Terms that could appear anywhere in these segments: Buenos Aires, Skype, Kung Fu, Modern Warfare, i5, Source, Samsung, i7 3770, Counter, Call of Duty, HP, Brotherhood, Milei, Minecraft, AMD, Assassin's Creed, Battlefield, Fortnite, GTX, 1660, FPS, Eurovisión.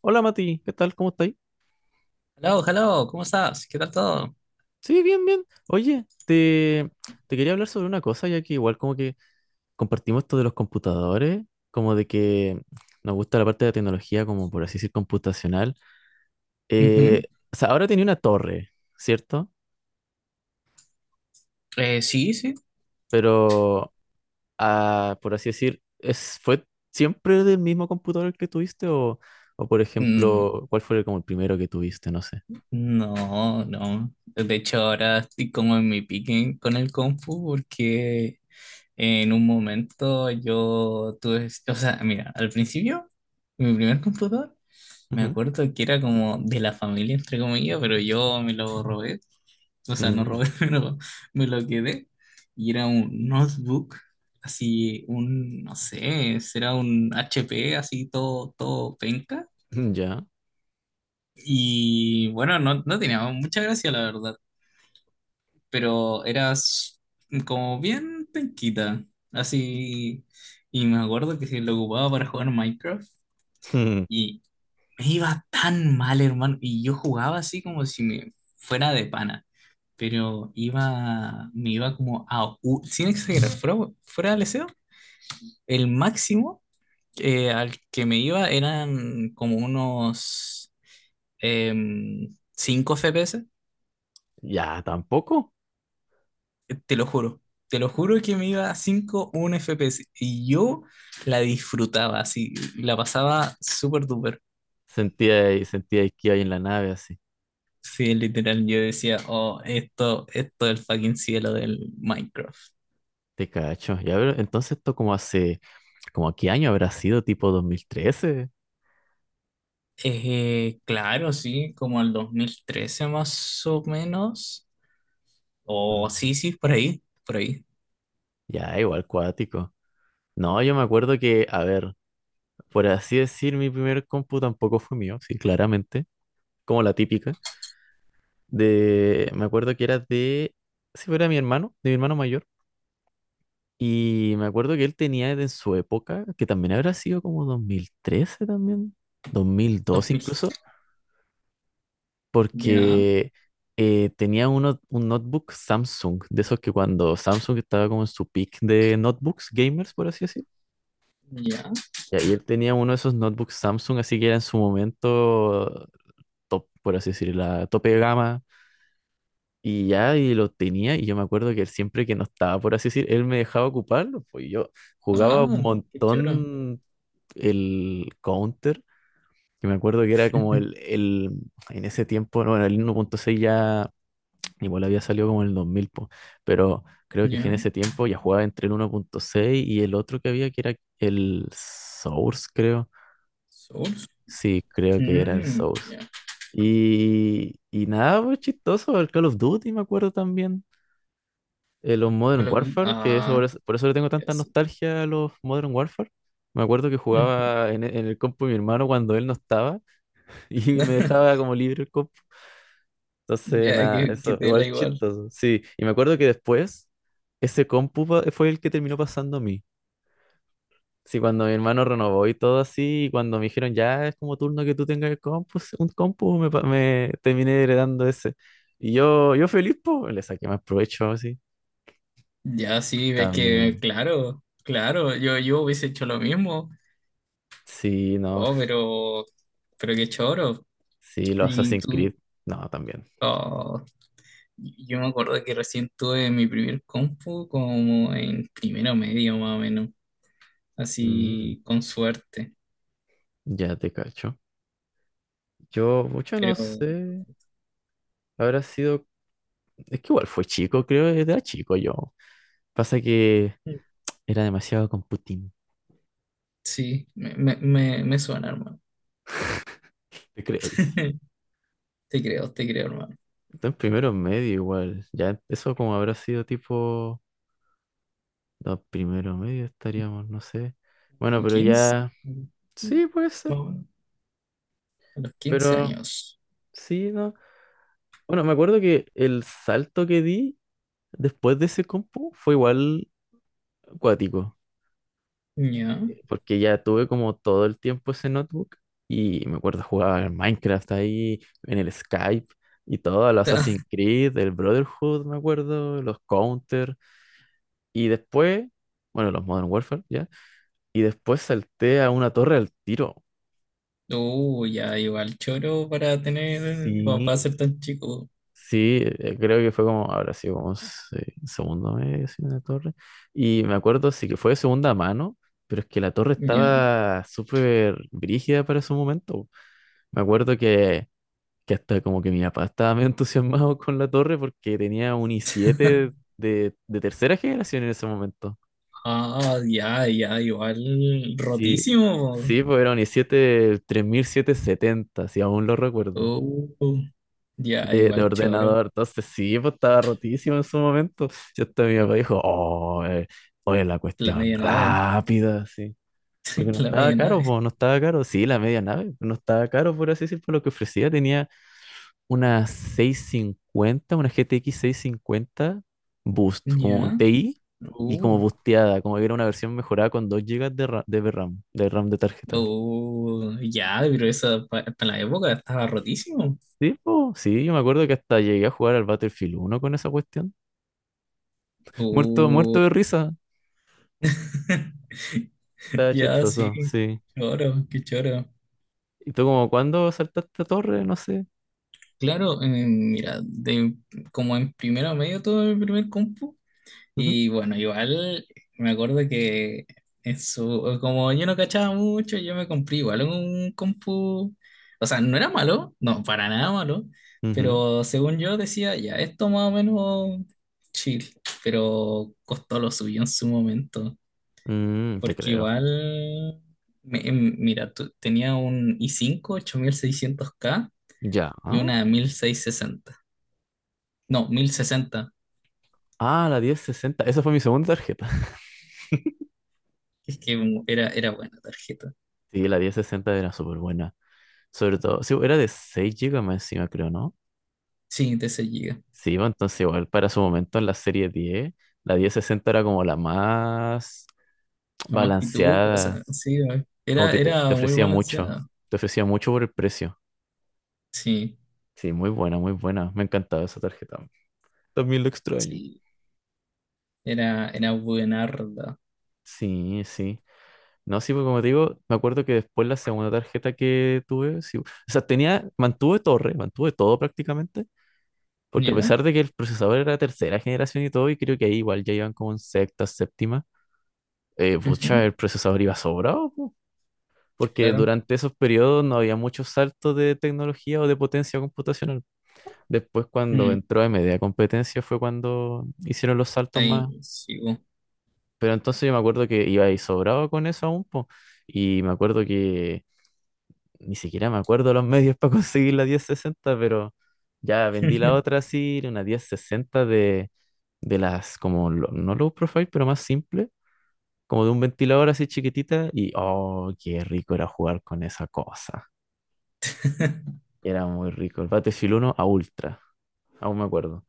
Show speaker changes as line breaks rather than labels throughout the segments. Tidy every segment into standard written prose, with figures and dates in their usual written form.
Hola Mati, ¿qué tal? ¿Cómo estáis?
Hello, hello, ¿cómo estás? ¿Qué tal todo?
Sí, bien, bien. Oye, te quería hablar sobre una cosa, ya que igual como que compartimos esto de los computadores, como de que nos gusta la parte de la tecnología, como por así decir, computacional. Eh,
Ujú.
o sea, ahora tenía una torre, ¿cierto?
Sí, sí.
Pero, por así decir, ¿fue siempre del mismo computador el que tuviste? O, por
Mm,
ejemplo, ¿cuál fue como el primero que tuviste? No sé.
no, no. De hecho, ahora estoy como en mi pique con el Kung Fu porque en un momento yo tuve, o sea, mira, al principio, mi primer computador. Me
Ujú.
acuerdo que era como de la familia, entre comillas, pero yo me lo robé. O sea, no
Mm,
robé, pero me lo quedé. Y era un notebook, así, un, no sé, será un HP, así, todo, todo penca.
ya.
Y bueno, no, no tenía mucha gracia, la verdad, pero era como bien penquita, así. Y me acuerdo que se lo ocupaba para jugar Minecraft. Y me iba tan mal, hermano. Y yo jugaba así como si me fuera de pana. Pero me iba como sin exagerar, fuera del deseo, el máximo al que me iba eran como unos em, 5 FPS.
Ya, tampoco.
Te lo juro. Te lo juro que me iba a 5, 1 FPS. Y yo la disfrutaba así. La pasaba súper duper.
Sentía que iba en la nave así.
Sí, literal, yo decía, oh, esto es el fucking cielo del Minecraft.
Te cacho. Ya, pero entonces esto como hace, como a qué año habrá sido, tipo 2013.
Claro, sí, como el 2013 más o menos.
Ujú.
O sí, sí, por ahí, por ahí.
Ya, igual cuático. No, yo me acuerdo que, a ver, por así decir, mi primer compu tampoco fue mío, sí, claramente, como la típica. De, me acuerdo que era de, si era mi hermano, de mi hermano mayor. Y me acuerdo que él tenía en su época, que también habrá sido como 2013 también, 2002
2000.
incluso,
Ya,
porque tenía un notebook Samsung, de esos que cuando Samsung estaba como en su peak de notebooks gamers, por así decir.
ya.
Ya, y ahí él tenía uno de esos notebooks Samsung, así que era en su momento top, por así decir, la tope de gama. Y ya, y lo tenía, y yo me acuerdo que él siempre que no estaba, por así decir, él me dejaba ocuparlo, pues yo jugaba un
Ah, qué choro.
montón el Counter, que me acuerdo que era como el en ese tiempo, bueno, el 1.6 ya. Igual había salido como en el 2000 po, pero creo que en
Ya.
ese tiempo ya jugaba entre el 1.6 y el otro que había, que era el Source, creo.
Source.
Sí, creo que era el
Mm,
Source.
ya.
Y nada, pues chistoso, el Call of Duty me acuerdo también. Los
Sí,
Modern
Call of Duty.
Warfare, que
Ah,
por eso le tengo
ya
tanta
sí.
nostalgia a los Modern Warfare. Me acuerdo que jugaba en, en el compu de mi hermano cuando él no estaba y me dejaba como libre el compu. Entonces,
Ya,
nada, eso,
que te da
igual
igual.
chistoso. Sí, y me acuerdo que después ese compu fue el que terminó pasando a mí. Sí, cuando mi hermano renovó y todo así, y cuando me dijeron, ya es como turno que tú tengas el compu, sí, un compu, me terminé heredando ese. Y yo feliz, pues, le saqué más provecho así.
Ya sí, ves que,
También.
claro, claro, yo hubiese hecho lo mismo.
Sí, no.
Oh, pero qué choro.
Sí, los
Y
Assassin's
tú,
Creed. No, también.
ah yo me acuerdo que recién tuve mi primer compu como en primero medio más o menos,
Mm,
así con suerte.
ya te cacho. Yo mucho no
Pero
sé. Habrá sido. Es que igual fue chico, creo, era chico yo. Pasa que era demasiado con Putin,
sí, me suena, hermano.
te creo, dice.
Te creo, hermano.
Está en primero medio igual. Ya, eso como habrá sido tipo. No, primero medio estaríamos, no sé. Bueno,
¿En
pero
15
ya. Sí, puede
Más
ser.
o menos. A los 15
Pero
años.
sí, no. Bueno, me acuerdo que el salto que di después de ese compu fue igual acuático.
Ya.
Porque ya tuve como todo el tiempo ese notebook y me acuerdo jugar al Minecraft ahí, en el Skype y todo, el Assassin's Creed, el Brotherhood, me acuerdo, los Counter y después, bueno, los Modern Warfare, ya, y después salté a una torre al tiro.
Ya, igual choro para tener, para
Sí.
ser tan chico.
Sí, creo que fue como, ahora sí, como segundo mes en una torre. Y me acuerdo, sí que fue de segunda mano, pero es que la torre
Ya.
estaba súper brígida para su momento. Me acuerdo que hasta como que mi papá estaba medio entusiasmado con la torre porque tenía un i7 de tercera generación en ese momento.
Ah, ya, ya, igual
Sí,
rotísimo.
sí, pues era un i7 3770, si aún lo recuerdo,
Oh, ya,
de
igual choro.
ordenador. Entonces sí, pues estaba rotísimo en su momento. Y hasta mi papá dijo, oh, oye, la
La
cuestión
media nave.
rápida, sí. Porque no
La
estaba
media
caro,
nave.
pues no estaba caro. Sí, la media nave no estaba caro, por así decir, por lo que ofrecía. Tenía una 650 una GTX cincuenta Boost, como
Ya.
TI y como
Uh,
boosteada, como que era una versión mejorada con 2 gigas de RAM, de RAM de tarjeta.
oh, ya, pero esa para la época estaba rotísimo.
Sí, po, sí, yo me acuerdo que hasta llegué a jugar al Battlefield 1 con esa cuestión. Muerto,
Uh,
muerto de risa, estaba
ya, sí.
chistoso, sí.
Choro, qué choro.
¿Y tú como cuándo saltaste a torre? No sé.
Claro, mira, como en primero medio todo el primer compu.
Ujú,
Y bueno, igual me acuerdo que como yo no cachaba mucho, yo me compré igual un compu. O sea, no era malo, no, para nada malo,
ujú.
pero según yo decía, ya, esto más o menos chill, pero costó lo suyo en su momento,
Mm, te
porque
creo.
igual, mira, tenía un i5 600K
Ya.
y una 1660, no, 1060.
Ah, la 1060. Esa fue mi segunda tarjeta.
Es que era, era buena tarjeta,
Sí, la 1060 era súper buena. Sobre todo, sí era de 6 gigas más encima, creo, ¿no?
sí, de 6.
Sí, bueno, entonces igual para su momento en la serie 10 la 1060 era como la más
Jamás pituca, o
balanceada,
sea, sí, güey.
como
Era,
que te
era muy
ofrecía mucho,
balanceada.
te ofrecía mucho por el precio.
Sí,
Sí, muy buena, me encantaba esa tarjeta. También lo extraño.
sí. Era, era buenarda.
Sí, sí. No, sí, porque como te digo, me acuerdo que después la segunda tarjeta que tuve, sí, o sea, tenía, mantuve torre, mantuve todo prácticamente. Porque a
¿Ya?
pesar de que el procesador era tercera generación y todo, y creo que ahí igual ya iban como en sexta, séptima, pucha,
Ujú.
el procesador iba sobrado, po, porque
Claro.
durante esos periodos no había muchos saltos de tecnología o de potencia computacional. Después cuando
Mm,
entró AMD a competencia fue cuando hicieron los saltos
Ahí
más.
sigo.
Pero entonces yo me acuerdo que iba ahí sobrado con eso aún, po, y me acuerdo que ni siquiera me acuerdo los medios para conseguir la 1060 pero ya vendí la otra así, era una 1060 de las como, no low profile, pero más simple, como de un ventilador así chiquitita, y oh, qué rico era jugar con esa cosa. Era muy rico. El Battlefield uno a ultra, aún me acuerdo.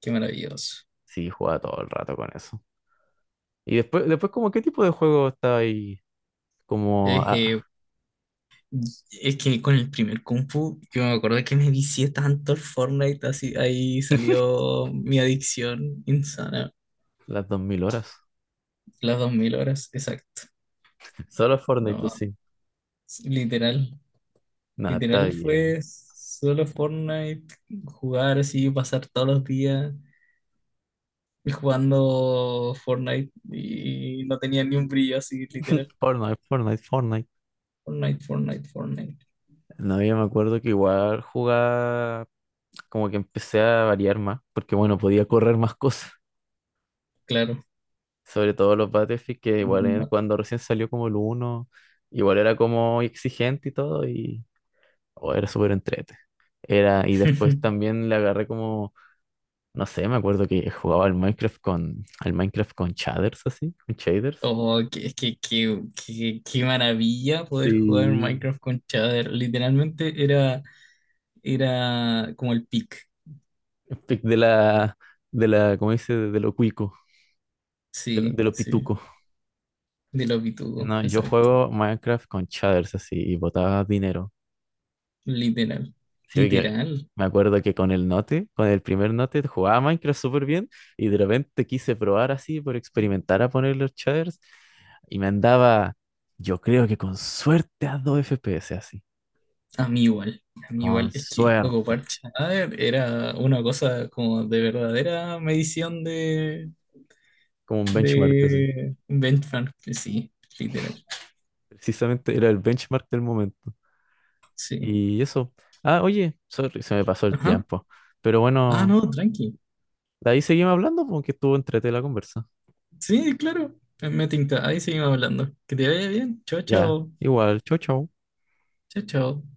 Qué maravilloso.
Sí, jugaba todo el rato con eso. Y después como, ¿qué tipo de juego estaba ahí? Como
Es,
a
eh, es que con el primer Kung Fu, yo me acuerdo que me vicié tanto el Fortnite, así, ahí salió mi adicción insana.
las 2000 horas.
Las 2000 horas, exacto.
Solo Fortnite, pues
No,
sí.
literal.
Nada, está
Literal
bien.
fue solo Fortnite, jugar así, pasar todos los días jugando Fortnite y no tenía ni un brillo así, literal.
Fortnite, Fortnite, Fortnite.
Fortnite, Fortnite, Fortnite.
No, yo me acuerdo que igual jugaba, como que empecé a variar más, porque bueno, podía correr más cosas,
Claro,
sobre todo los Battlefield, que igual
normal.
cuando recién salió como el uno igual era como exigente y todo, y oh, era súper entrete. Era, y después también le agarré como, no sé, me acuerdo que jugaba al Minecraft con shaders así, con shaders.
Oh, es que qué maravilla poder
Sí.
jugar Minecraft con Chadder. Literalmente era, era como el pick.
Pic de la, de la, ¿cómo dice? De lo cuico,
Sí,
de lo
sí.
pituco.
De lo
Sí,
pitudo,
no, yo
exacto.
juego Minecraft con shaders así y botaba dinero.
Literal.
Sí, que
Literal.
me acuerdo que con el Note, con el primer Note, jugaba Minecraft súper bien y de repente quise probar así por experimentar a poner los shaders y me andaba, yo creo que con suerte a 2 FPS así.
A mí igual, a mí
Con
igual, es que
suerte.
ocupar Chadaver era una cosa como de verdadera medición
Como un benchmark así.
de benchmark, sí, literal,
Precisamente era el benchmark del momento.
sí.
Y eso. Ah, oye, sorry, se me pasó el
Ajá.
tiempo. Pero
Ah,
bueno,
no, tranqui.
de ahí seguimos hablando porque estuvo entrete la conversa.
Sí, claro. Me tinca, ahí seguimos hablando. Que te vaya bien, chao,
Ya,
chao,
igual, chau, chau.
chao, chao.